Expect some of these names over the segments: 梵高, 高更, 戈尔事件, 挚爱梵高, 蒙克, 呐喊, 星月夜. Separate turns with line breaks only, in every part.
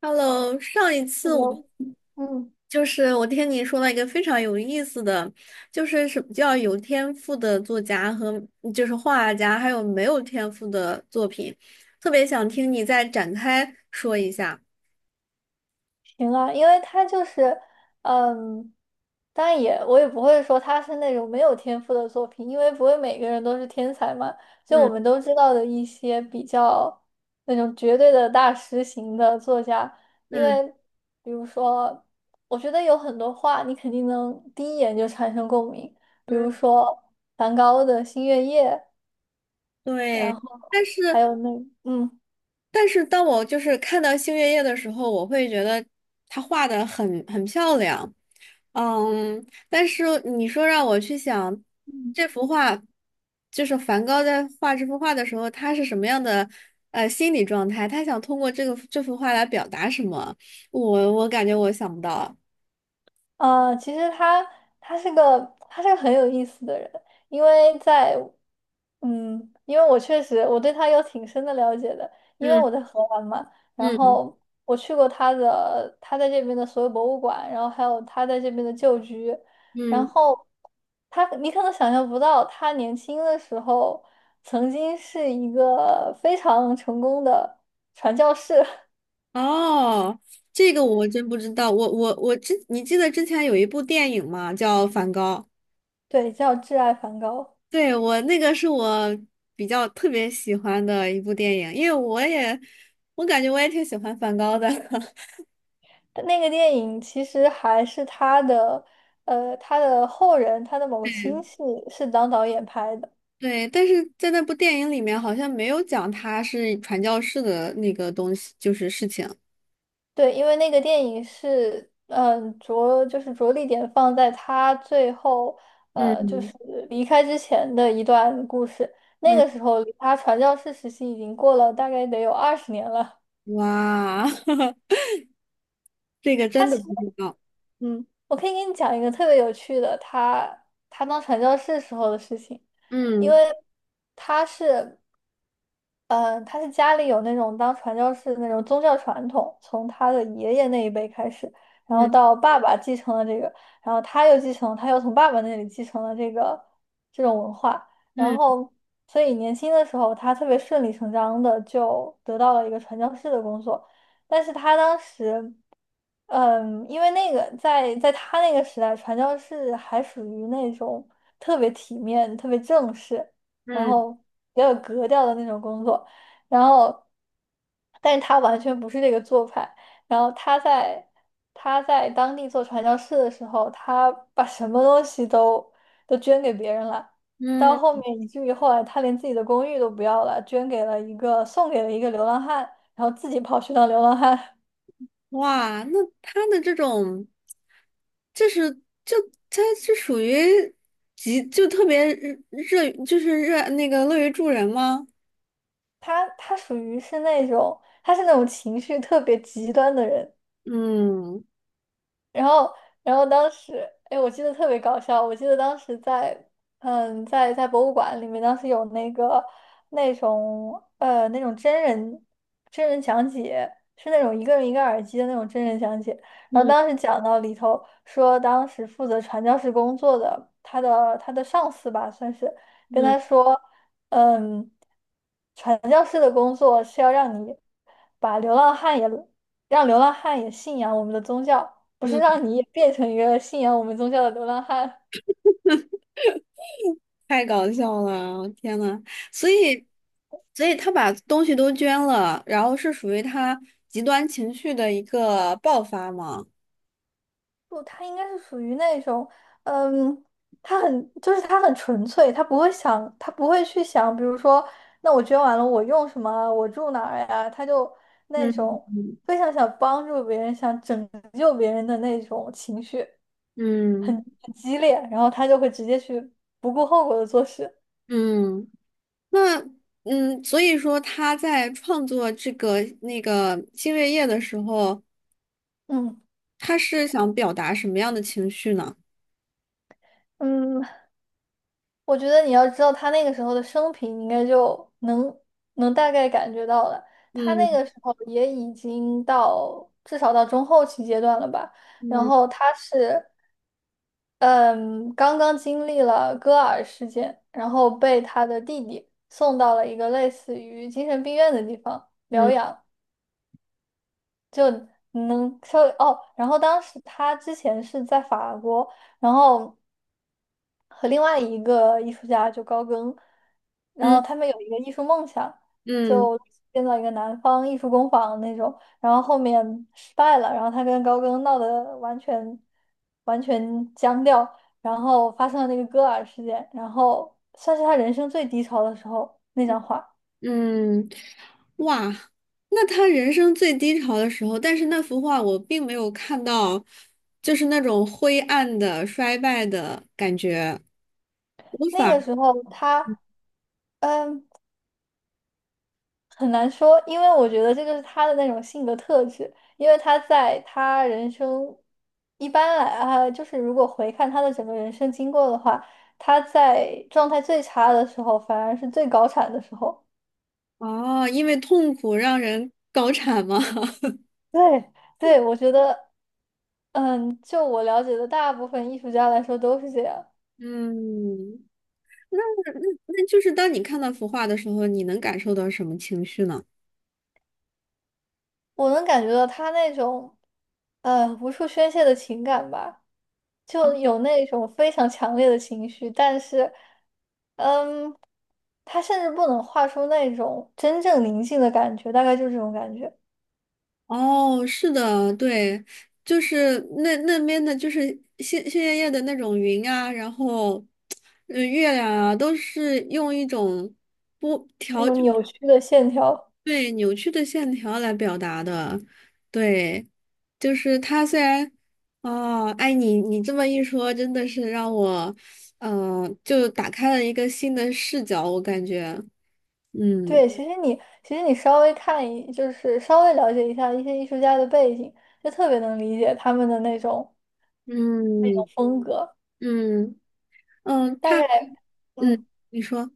Hello，上一次我们
我嗯，
就是我听你说了一个非常有意思的，就是什么叫有天赋的作家和就是画家，还有没有天赋的作品，特别想听你再展开说一下。
行啊。因为他就是，嗯，当然也我不会说他是那种没有天赋的作品，因为不会每个人都是天才嘛。就我们
嗯
都知道的一些比较那种绝对的大师型的作家，因
嗯
为比如说，我觉得有很多话你肯定能第一眼就产生共鸣，比
嗯，
如说梵高的《星月夜》，然
对，但
后还
是
有嗯。
但是当我就是看到星月夜的时候，我会觉得他画的很漂亮，但是你说让我去想这幅画，就是梵高在画这幅画的时候，他是什么样的心理状态？他想通过这幅画来表达什么？我感觉我想不到。
其实他他是个他是个很有意思的人，因为因为我确实我对他有挺深的了解的，因为
嗯
我在荷兰嘛。然
嗯
后我去过他在这边的所有博物馆，然后还有他在这边的旧居，然
嗯，
后他你可能想象不到，他年轻的时候曾经是一个非常成功的传教士。
哦，这个我真不知道。我我我之，你记得之前有一部电影吗？叫《梵高》。
对，叫挚爱梵高。
对，我那个是我比较特别喜欢的一部电影，因为我也，我感觉我也挺喜欢梵高的。
那个电影其实还是他的，他的后人，他的某个亲 戚是当导演拍的。
对，但是在那部电影里面好像没有讲他是传教士的那个东西，就是事情。
对，因为那个电影是，着就是着力点放在他最后，就是
嗯
离开之前的一段故事。那
嗯，
个时候离他传教士时期已经过了大概得有二十年了。
哇，这个
他
真的
其实
不知道。
我可以给你讲一个特别有趣的，他当传教士时候的事情。因为
嗯
他是嗯，他是家里有那种当传教士的那种宗教传统，从他的爷爷那一辈开始，然后
嗯
到爸爸继承了这个，然后他又继承，他又从爸爸那里继承了这个这种文化。然
嗯
后所以年轻的时候他特别顺理成章的就得到了一个传教士的工作，但是他当时，因为那个在他那个时代，传教士还属于那种特别体面、特别正式。然
嗯
后比较有格调的那种工作，然后，但是他完全不是这个做派。然后他在他在当地做传教士的时候，他把什么东西都捐给别人了，到后
嗯。
面以至于后来他连自己的公寓都不要了，捐给了一个送给了一个流浪汉，然后自己跑去当流浪汉。
哇，那他的这种，就是就他是属于特别热热就是热那个乐于助人吗？
他属于是那种他是那种情绪特别极端的人。
嗯
然后，然后当时，哎，我记得特别搞笑。我记得当时在，在博物馆里面，当时有那个那种那种真人讲解，是那种一个人一个耳机的那种真人讲解。然后
嗯
当时讲到里头说，当时负责传教士工作的他的上司吧，算是跟
嗯
他说，嗯，传教士的工作是要让你把流浪汉也让流浪汉也信仰我们的宗教，不是
嗯，
让你也变成一个信仰我们宗教的流浪汉。
太搞笑了，天呐，所以所以他把东西都捐了，然后是属于他极端情绪的一个爆发吗？
不，他应该是属于那种，嗯，他很，就是他很纯粹，他不会想，他不会去想，比如说，那我捐完了，我用什么啊，我住哪儿呀？他就那
嗯
种非常想帮助别人、想拯救别人的那种情绪，很
嗯
很激烈，然后他就会直接去不顾后果的做事。
嗯，那所以说他在创作那个星月夜的时候，
嗯。
他是想表达什么样的情绪呢？
嗯，我觉得你要知道他那个时候的生平，你应该就能能大概感觉到了。他那
嗯
个时候也已经到至少到中后期阶段了吧。然
嗯
后他是嗯刚刚经历了戈尔事件，然后被他的弟弟送到了一个类似于精神病院的地方疗
嗯
养。能稍微哦，然后当时他之前是在法国，然后和另外一个艺术家就高更，然后
嗯
他们有一个艺术梦想，
嗯
就建造一个南方艺术工坊那种，然后后面失败了，然后他跟高更闹得完全僵掉，然后发生了那个戈尔事件，然后算是他人生最低潮的时候那张画。
嗯，哇，那他人生最低潮的时候，但是那幅画我并没有看到，就是那种灰暗的、衰败的感觉。无
那
法
个时候他。嗯，很难说，因为我觉得这就是他的那种性格特质，因为他人生一般来啊，就是如果回看他的整个人生经过的话，他在状态最差的时候，反而是最高产的时候。
哦，因为痛苦让人高产吗？
对，对，我觉得，就我了解的大部分艺术家来说都是这样。
嗯，那那那就是当你看到幅画的时候，你能感受到什么情绪呢？
我能感觉到他那种，无处宣泄的情感吧，就有那种非常强烈的情绪，但是。嗯，他甚至不能画出那种真正宁静的感觉，大概就是这种感觉，
哦，是的，对，就是那边的，就是鲜鲜艳艳的那种云啊，然后，月亮啊，都是用一种不
那
条，
种扭曲的线条。
对，扭曲的线条来表达的。对，就是它虽然，哦，哎，你这么一说，真的是让我，就打开了一个新的视角，我感觉。嗯
对，其实你稍微看一，就是稍微了解一下一些艺术家的背景，就特别能理解他们的那种
嗯
风格。
嗯嗯，
大概，嗯，
你说。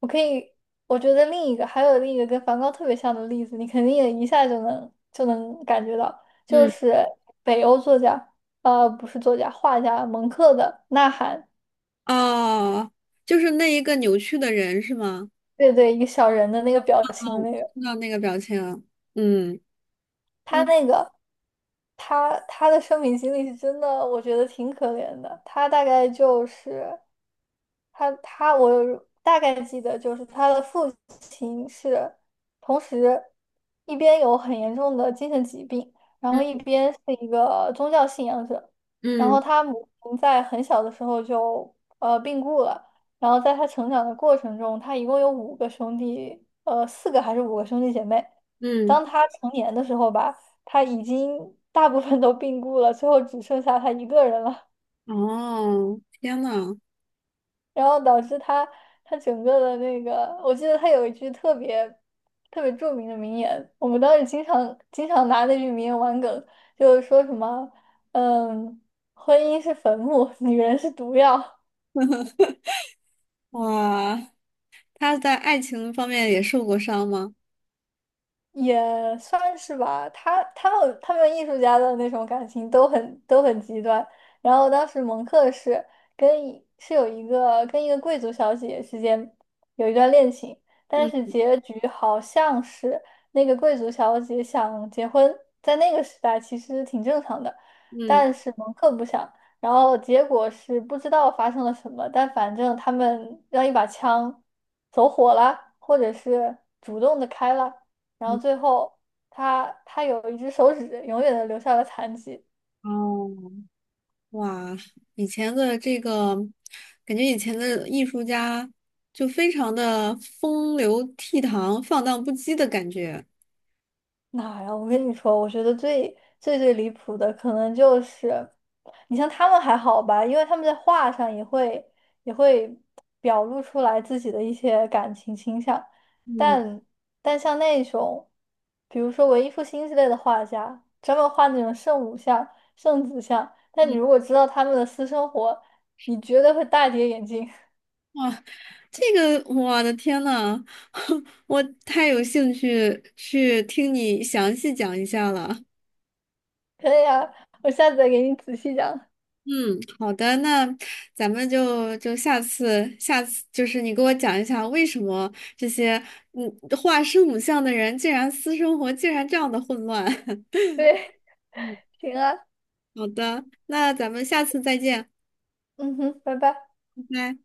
我可以，我觉得另一个还有另一个跟梵高特别像的例子，你肯定也一下就能感觉到，就
嗯。
是北欧作家，呃，不是作家，画家蒙克的《呐喊》，
哦，就是那一个扭曲的人是吗？
对对，一个小人的那个表情的
哦，
那个。
看到那个表情了。嗯
他
嗯
那个，他的生命经历是真的，我觉得挺可怜的。他大概就是，他他我大概记得，就是他的父亲是同时一边有很严重的精神疾病，然后一
嗯
边是一个宗教信仰者，然
嗯
后他母亲在很小的时候就病故了，然后在他成长的过程中，他一共有五个兄弟，呃四个还是五个兄弟姐妹，
嗯，
当他成年的时候吧，他已经大部分都病故了，最后只剩下他一个人了。
哦，天呐，
然后导致他整个的那个，我记得他有一句特别著名的名言，我们当时经常拿那句名言玩梗，就是说什么，嗯，婚姻是坟墓，女人是毒药。
哇，他在爱情方面也受过伤吗？
也算是吧，他们艺术家的那种感情都都很极端。然后当时蒙克是跟一是有一个跟一个贵族小姐之间有一段恋情，但是
嗯
结局好像是那个贵族小姐想结婚，在那个时代其实挺正常的，
嗯，
但是蒙克不想。然后结果是不知道发生了什么，但反正他们让一把枪走火了，或者是主动的开了。然后最后他有一只手指永远的留下了残疾。
哦，哇，以前的这个，感觉以前的艺术家就非常的风流倜傥、放荡不羁的感觉。
哪呀？我跟你说，我觉得最最离谱的可能就是，你像他们还好吧，因为他们在画上也会表露出来自己的一些感情倾向，
嗯
但但像那种，比如说文艺复兴之类的画家，专门画那种圣母像、圣子像，但你
嗯
如果知道他们的私生活，你绝对会大跌眼镜。
哇，这个我的天呐，我太有兴趣去听你详细讲一下了。
可以啊，我下次再给你仔细讲。
嗯，好的，那咱们就下次就是你给我讲一下为什么这些嗯画圣母像的人竟然私生活竟然这样的混乱。
对，
嗯，
行啊，
好的，那咱们下次再见，
嗯哼，拜拜。
拜拜。